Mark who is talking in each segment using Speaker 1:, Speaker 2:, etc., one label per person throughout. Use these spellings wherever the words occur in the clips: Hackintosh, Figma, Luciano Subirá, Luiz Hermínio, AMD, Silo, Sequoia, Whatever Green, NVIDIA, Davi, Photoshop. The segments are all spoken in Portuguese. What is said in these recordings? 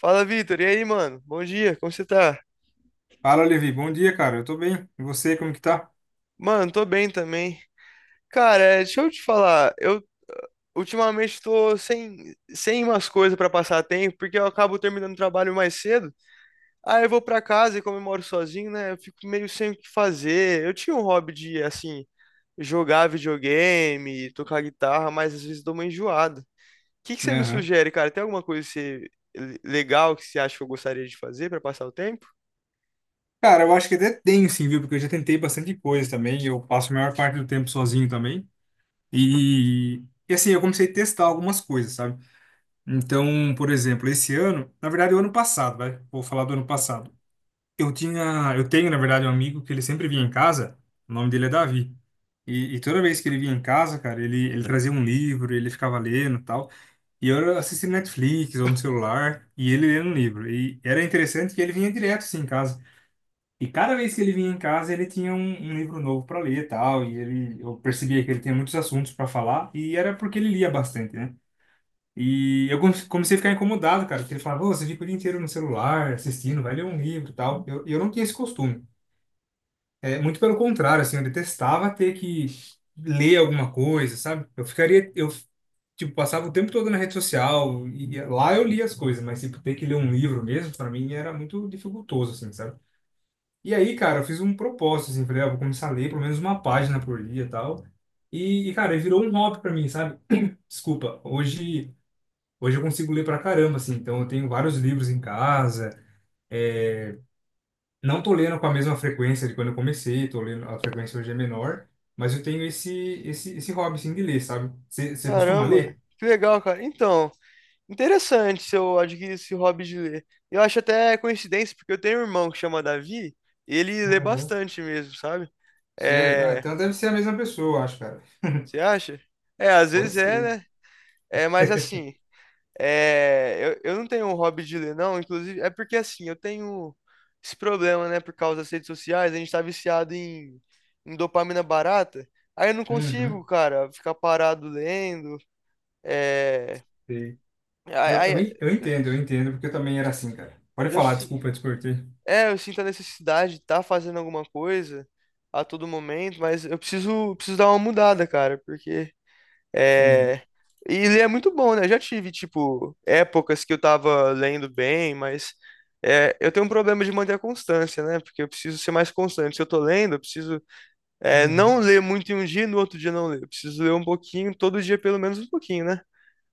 Speaker 1: Fala, Vitor. E aí, mano? Bom dia, como você tá?
Speaker 2: Fala, Levi. Bom dia, cara. Eu tô bem. E você, como que tá?
Speaker 1: Mano, tô bem também. Cara, deixa eu te falar, eu ultimamente tô sem umas coisas pra passar tempo, porque eu acabo terminando o trabalho mais cedo. Aí eu vou pra casa e como eu moro sozinho, né? Eu fico meio sem o que fazer. Eu tinha um hobby de, assim, jogar videogame, tocar guitarra, mas às vezes dou uma enjoada. O que que você me
Speaker 2: Aham.
Speaker 1: sugere, cara? Tem alguma coisa que legal que você acha que eu gostaria de fazer pra passar o tempo?
Speaker 2: Cara, eu acho que até tenho, sim, viu? Porque eu já tentei bastante coisa também. Eu passo a maior parte do tempo sozinho também. E, e assim, eu comecei a testar algumas coisas, sabe? Então, por exemplo, esse ano, na verdade, o ano passado, vai. Vou falar do ano passado. Eu tinha, eu tenho, na verdade, um amigo que ele sempre vinha em casa. O nome dele é Davi. E toda vez que ele vinha em casa, cara, ele trazia um livro, ele ficava lendo e tal. E eu assisti Netflix ou no celular, e ele lendo um livro. E era interessante que ele vinha direto assim em casa. E cada vez que ele vinha em casa, ele tinha um livro novo para ler e tal. Eu percebia que ele tinha muitos assuntos para falar, e era porque ele lia bastante, né? E eu comecei a ficar incomodado, cara, porque ele falava, "Ô, você fica o dia inteiro no celular, assistindo, vai ler um livro e tal. Eu não tinha esse costume. É, muito pelo contrário, assim, eu detestava ter que ler alguma coisa, sabe? Eu, tipo, passava o tempo todo na rede social e lá eu lia as coisas, mas, tipo, ter que ler um livro mesmo, para mim, era muito dificultoso, assim, sabe? E aí, cara, eu fiz um propósito, assim, falei, ah, vou começar a ler pelo menos uma página por dia e tal. E, cara, virou um hobby para mim, sabe? Desculpa, hoje eu consigo ler pra caramba, assim, então eu tenho vários livros em casa. Não tô lendo com a mesma frequência de quando eu comecei, tô lendo, a frequência hoje é menor, mas eu tenho esse hobby, assim, de ler, sabe? Você costuma
Speaker 1: Caramba,
Speaker 2: ler?
Speaker 1: que legal, cara. Então, interessante se eu adquirir esse hobby de ler. Eu acho até coincidência, porque eu tenho um irmão que chama Davi, e ele lê
Speaker 2: Aham.
Speaker 1: bastante mesmo, sabe?
Speaker 2: Sério? Ah,
Speaker 1: É,
Speaker 2: então deve ser a mesma pessoa, eu acho, cara.
Speaker 1: você acha? É, às
Speaker 2: Pode
Speaker 1: vezes é,
Speaker 2: ser.
Speaker 1: né? É, mas assim, eu não tenho um hobby de ler, não. Inclusive, é porque assim, eu tenho esse problema, né? Por causa das redes sociais, a gente tá viciado em dopamina barata. Aí eu não
Speaker 2: Uhum,
Speaker 1: consigo, cara, ficar parado lendo. É,
Speaker 2: sei. Não,
Speaker 1: aí,
Speaker 2: eu,
Speaker 1: aí
Speaker 2: en- eu entendo, eu entendo, porque eu também era assim, cara. Pode
Speaker 1: eu,
Speaker 2: falar,
Speaker 1: si,
Speaker 2: desculpa, eu te cortei.
Speaker 1: É, eu sinto a necessidade de estar fazendo alguma coisa a todo momento, mas eu preciso dar uma mudada, cara, porque é.
Speaker 2: Sim.
Speaker 1: E ler é muito bom, né? Eu já tive, tipo, épocas que eu tava lendo bem, mas é, eu tenho um problema de manter a constância, né? Porque eu preciso ser mais constante. Se eu tô lendo, eu preciso não
Speaker 2: Uhum.
Speaker 1: ler muito em um dia e no outro dia não ler. Eu preciso ler um pouquinho, todo dia pelo menos um pouquinho, né?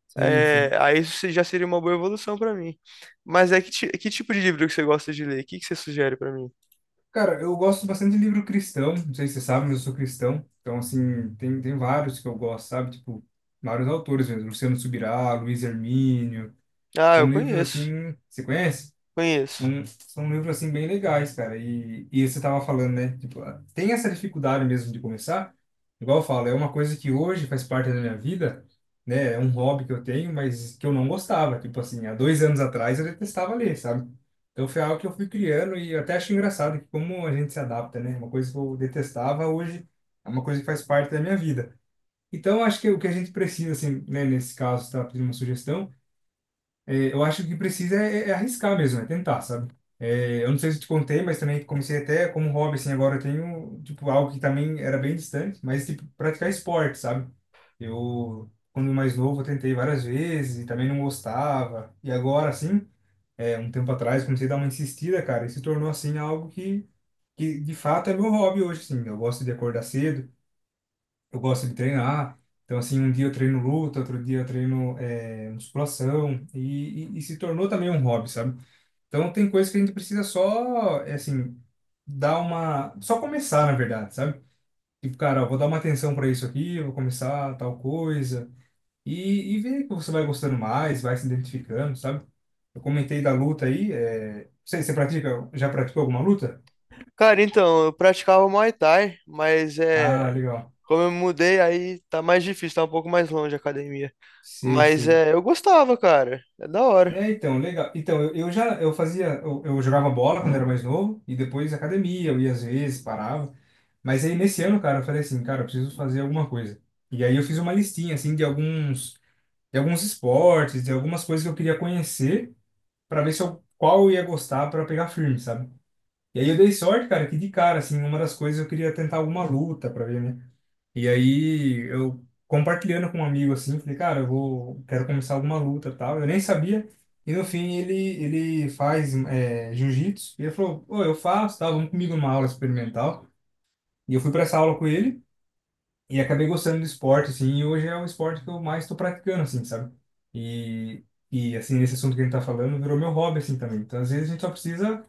Speaker 2: Sim,
Speaker 1: É,
Speaker 2: sim.
Speaker 1: aí já seria uma boa evolução pra mim. Mas é que, que tipo de livro que você gosta de ler? O que que você sugere pra mim?
Speaker 2: Cara, eu gosto bastante de livro cristão, não sei se você sabe, mas eu sou cristão. Então, assim, tem vários que eu gosto, sabe? Tipo, vários autores mesmo. Luciano Subirá, Luiz Hermínio.
Speaker 1: Ah, eu
Speaker 2: São livros
Speaker 1: conheço,
Speaker 2: assim, você conhece?
Speaker 1: conheço.
Speaker 2: São livros assim bem legais, cara. E você tava falando, né? Tipo, ah, tem essa dificuldade mesmo de começar. Igual eu falo, é uma coisa que hoje faz parte da minha vida, né? É um hobby que eu tenho, mas que eu não gostava. Tipo assim, há 2 anos atrás eu detestava ler, sabe? Então foi algo que eu fui criando e eu até acho engraçado que como a gente se adapta, né? Uma coisa que eu detestava hoje é uma coisa que faz parte da minha vida. Então acho que o que a gente precisa, assim, né? Nesse caso, tá pedindo uma sugestão é, eu acho que precisa é, arriscar mesmo, é tentar, sabe? É, eu não sei se eu te contei, mas também comecei até como hobby, assim, agora eu tenho, tipo, algo que também era bem distante, mas, tipo, praticar esporte, sabe? Eu, quando mais novo, eu tentei várias vezes e também não gostava. E agora, assim, é, um tempo atrás, comecei a dar uma insistida, cara, e se tornou, assim, algo que de fato é meu hobby hoje, assim. Eu gosto de acordar cedo, eu gosto de treinar. Então, assim, um dia eu treino luta, outro dia eu treino é, musculação, e se tornou também um hobby, sabe? Então, tem coisas que a gente precisa só, é, assim, dar uma. Só começar, na verdade, sabe? Tipo, cara, ó, vou dar uma atenção para isso aqui, vou começar tal coisa, e ver que você vai gostando mais, vai se identificando, sabe? Eu comentei da luta aí, sei, você pratica, já praticou alguma luta?
Speaker 1: Cara, então, eu praticava Muay Thai, mas
Speaker 2: Ah,
Speaker 1: é,
Speaker 2: legal.
Speaker 1: como eu me mudei, aí tá mais difícil, tá um pouco mais longe a academia.
Speaker 2: Sei,
Speaker 1: Mas
Speaker 2: sei.
Speaker 1: é, eu gostava, cara. É da hora.
Speaker 2: É, então, legal. Então, eu já eu fazia, eu jogava bola quando era mais novo e depois academia, eu ia às vezes, parava. Mas aí nesse ano, cara, eu falei assim, cara, eu preciso fazer alguma coisa. E aí eu fiz uma listinha assim de alguns esportes, de algumas coisas que eu queria conhecer para ver se eu, qual eu ia gostar para pegar firme, sabe? E aí eu dei sorte, cara, que de cara assim, uma das coisas eu queria tentar alguma luta para ver, né? E aí eu compartilhando com um amigo assim, falei, cara, quero começar alguma luta, e tal. Eu nem sabia. E no fim ele faz é, jiu-jitsu e ele falou, pô, eu faço, tal, vamos comigo numa aula experimental. E eu fui para essa aula com ele e acabei gostando do esporte assim, e hoje é o esporte que eu mais estou praticando assim, sabe? E e assim, esse assunto que a gente tá falando virou meu hobby assim também. Então, às vezes a gente só precisa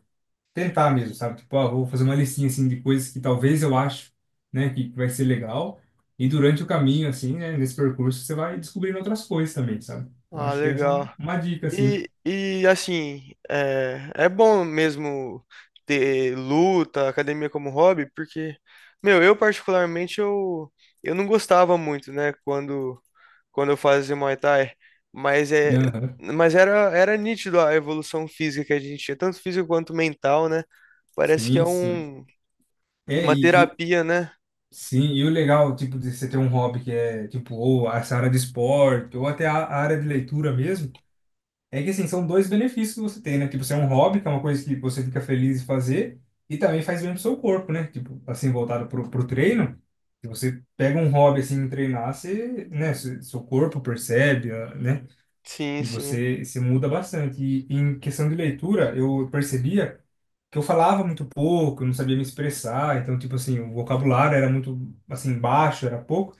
Speaker 2: tentar mesmo, sabe? Tipo, ah, vou fazer uma listinha assim de coisas que talvez eu acho, né, que vai ser legal. E durante o caminho, assim, né, nesse percurso, você vai descobrindo outras coisas também, sabe? Então,
Speaker 1: Ah,
Speaker 2: acho que essa é
Speaker 1: legal.
Speaker 2: uma dica, assim.
Speaker 1: E, assim, é bom mesmo ter luta, academia como hobby, porque, meu, eu particularmente eu não gostava muito, né, quando eu fazia Muay Thai, mas é,
Speaker 2: Aham.
Speaker 1: mas era nítido a evolução física que a gente tinha, tanto física quanto mental, né? Parece que é
Speaker 2: Sim, sim.
Speaker 1: um
Speaker 2: É,
Speaker 1: uma
Speaker 2: e, e o,
Speaker 1: terapia, né?
Speaker 2: sim, e o legal, tipo, de você ter um hobby que é, tipo, ou essa área de esporte, ou até a área de leitura mesmo. É que assim, são dois benefícios que você tem, né? Tipo, você é um hobby, que é uma coisa que você fica feliz em fazer, e também faz bem pro seu corpo, né? Tipo, assim, voltado pro treino, se você pega um hobby assim em treinar, você, né, seu corpo percebe, ah, né?
Speaker 1: Sim,
Speaker 2: E
Speaker 1: sim.
Speaker 2: você se muda bastante. E em questão de leitura, eu percebia que eu falava muito pouco, eu não sabia me expressar, então, tipo assim, o vocabulário era muito, assim, baixo, era pouco.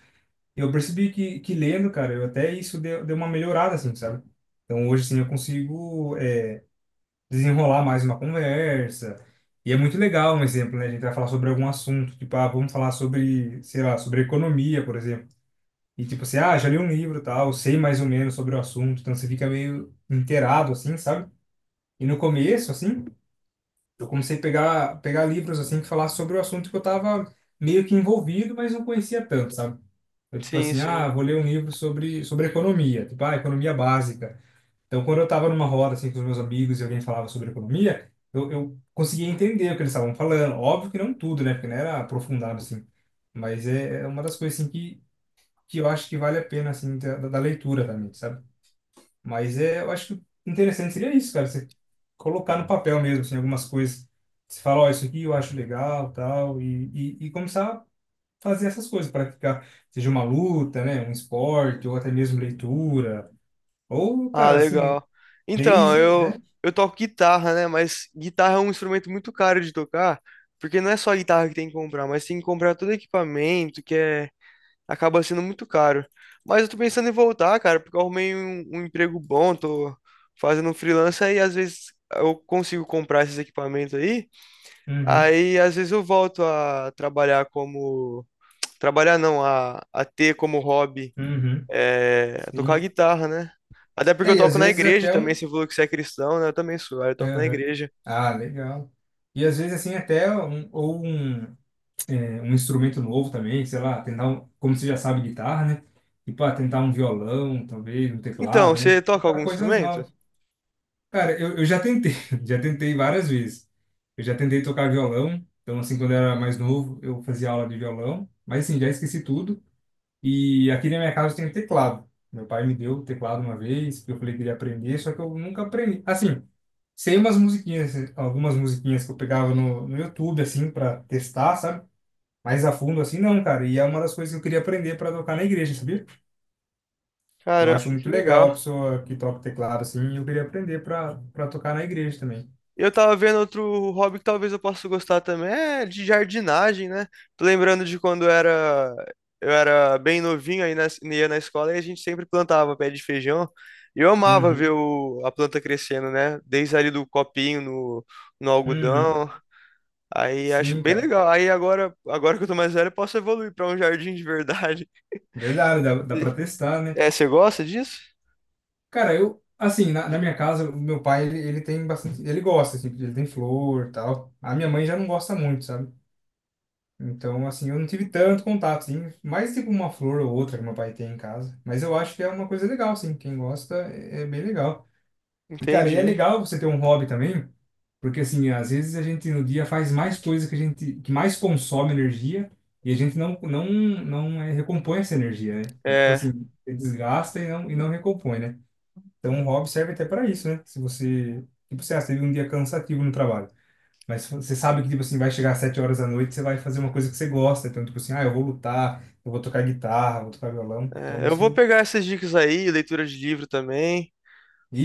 Speaker 2: Eu percebi que lendo, cara, eu até isso deu, uma melhorada, assim, sabe? Então hoje, assim, eu consigo é, desenrolar mais uma conversa. E é muito legal um exemplo, né? A gente vai falar sobre algum assunto, tipo, ah, vamos falar sobre, sei lá, sobre economia, por exemplo. E tipo assim, ah, já li um livro, e tal, sei mais ou menos sobre o assunto, então você fica meio inteirado, assim, sabe? E no começo, assim, eu comecei a pegar livros, assim, que falassem sobre o assunto que eu tava meio que envolvido, mas não conhecia tanto, sabe? Eu, tipo
Speaker 1: Sim,
Speaker 2: assim, ah,
Speaker 1: sim.
Speaker 2: vou ler um livro sobre economia, tipo, ah, economia básica. Então, quando eu tava numa roda, assim, com os meus amigos e alguém falava sobre economia, eu conseguia entender o que eles estavam falando. Óbvio que não tudo, né? Porque não era aprofundado, assim. Mas é uma das coisas, assim, que eu acho que vale a pena, assim, da leitura também, sabe? Mas é, eu acho que interessante seria isso, cara, você colocar no papel mesmo, assim, algumas coisas. Você fala, ó, isso aqui eu acho legal, tal, e começar fazer essas coisas, praticar, seja uma luta, né, um esporte, ou até mesmo leitura, ou,
Speaker 1: Ah,
Speaker 2: cara, assim,
Speaker 1: legal. Então,
Speaker 2: desde,
Speaker 1: eu
Speaker 2: né?
Speaker 1: eu toco guitarra, né? Mas guitarra é um instrumento muito caro de tocar, porque não é só a guitarra que tem que comprar, mas tem que comprar todo equipamento, que é acaba sendo muito caro. Mas eu tô pensando em voltar, cara, porque eu arrumei um emprego bom, tô fazendo um freelancer e às vezes eu consigo comprar esses equipamentos aí.
Speaker 2: Uhum,
Speaker 1: Aí às vezes eu volto a trabalhar como. Trabalhar não, a ter como hobby
Speaker 2: uhum,
Speaker 1: é, tocar
Speaker 2: sim.
Speaker 1: guitarra, né? Até porque
Speaker 2: É,
Speaker 1: eu
Speaker 2: e às
Speaker 1: toco na
Speaker 2: vezes
Speaker 1: igreja
Speaker 2: até
Speaker 1: também,
Speaker 2: um.
Speaker 1: você falou que você é cristão, né? Eu também sou, aí eu toco na
Speaker 2: Aham.
Speaker 1: igreja.
Speaker 2: Ah, legal. E às vezes, assim, até um instrumento novo também, sei lá, tentar, um, como você já sabe, guitarra, né? Tipo, ah, tentar um violão, talvez, um
Speaker 1: Então,
Speaker 2: teclado, né?
Speaker 1: você toca
Speaker 2: Tentar
Speaker 1: algum
Speaker 2: coisas
Speaker 1: instrumento?
Speaker 2: novas. Cara, eu já tentei, já tentei várias vezes. Eu já tentei tocar violão, então assim, quando eu era mais novo, eu fazia aula de violão, mas assim, já esqueci tudo. E aqui na minha casa tem um teclado. Meu pai me deu o teclado uma vez, porque eu falei que queria aprender, só que eu nunca aprendi. Assim, sei umas musiquinhas, algumas musiquinhas que eu pegava no YouTube, assim, para testar, sabe? Mais a fundo, assim, não, cara. E é uma das coisas que eu queria aprender para tocar na igreja, sabia? Eu
Speaker 1: Caramba,
Speaker 2: acho muito
Speaker 1: que
Speaker 2: legal a
Speaker 1: legal.
Speaker 2: pessoa que toca teclado, assim, e eu queria aprender para tocar na igreja também.
Speaker 1: Eu tava vendo outro hobby que talvez eu possa gostar também, é de jardinagem, né? Tô lembrando de quando eu era bem novinho, aí ia na escola e a gente sempre plantava pé de feijão. E eu amava ver
Speaker 2: Uhum.
Speaker 1: a planta crescendo, né? Desde ali do copinho no,
Speaker 2: Uhum.
Speaker 1: algodão. Aí acho
Speaker 2: Sim,
Speaker 1: bem
Speaker 2: cara.
Speaker 1: legal. Aí agora que eu tô mais velho, eu posso evoluir pra um jardim de verdade.
Speaker 2: Verdade, dá pra testar, né?
Speaker 1: É, você gosta disso?
Speaker 2: Cara, eu, assim, na minha casa, o meu pai, ele tem bastante. Ele gosta, assim, ele tem flor e tal. A minha mãe já não gosta muito, sabe? Então, assim, eu não tive tanto contato, assim. Mais tipo uma flor ou outra que meu pai tem em casa. Mas eu acho que é uma coisa legal, assim. Quem gosta é, bem legal. Cara, e é
Speaker 1: Entendi.
Speaker 2: legal você ter um hobby também, porque assim, às vezes a gente no dia faz mais coisa que a gente que mais consome energia e a gente não é, recompõe essa energia, né? Então, tipo assim,
Speaker 1: É,
Speaker 2: você desgasta e não recompõe, né? Então, um hobby serve até para isso, né? Se você, tipo, você teve um dia cansativo no trabalho, mas você sabe que tipo assim, vai chegar às 7 horas da noite, você vai fazer uma coisa que você gosta, então tipo assim, ah, eu vou lutar, eu vou tocar guitarra, vou tocar violão. Então,
Speaker 1: eu vou
Speaker 2: isso
Speaker 1: pegar essas dicas aí, leitura de livro também.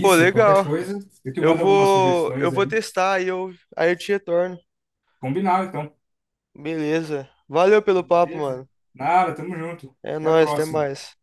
Speaker 1: Pô,
Speaker 2: qualquer
Speaker 1: legal.
Speaker 2: coisa, eu te
Speaker 1: Eu
Speaker 2: mando algumas
Speaker 1: vou, eu
Speaker 2: sugestões
Speaker 1: vou
Speaker 2: aí.
Speaker 1: testar aí eu te retorno.
Speaker 2: Combinado, então.
Speaker 1: Beleza. Valeu pelo papo,
Speaker 2: Beleza?
Speaker 1: mano.
Speaker 2: Nada, tamo junto.
Speaker 1: É
Speaker 2: Até a
Speaker 1: nóis, até
Speaker 2: próxima.
Speaker 1: mais.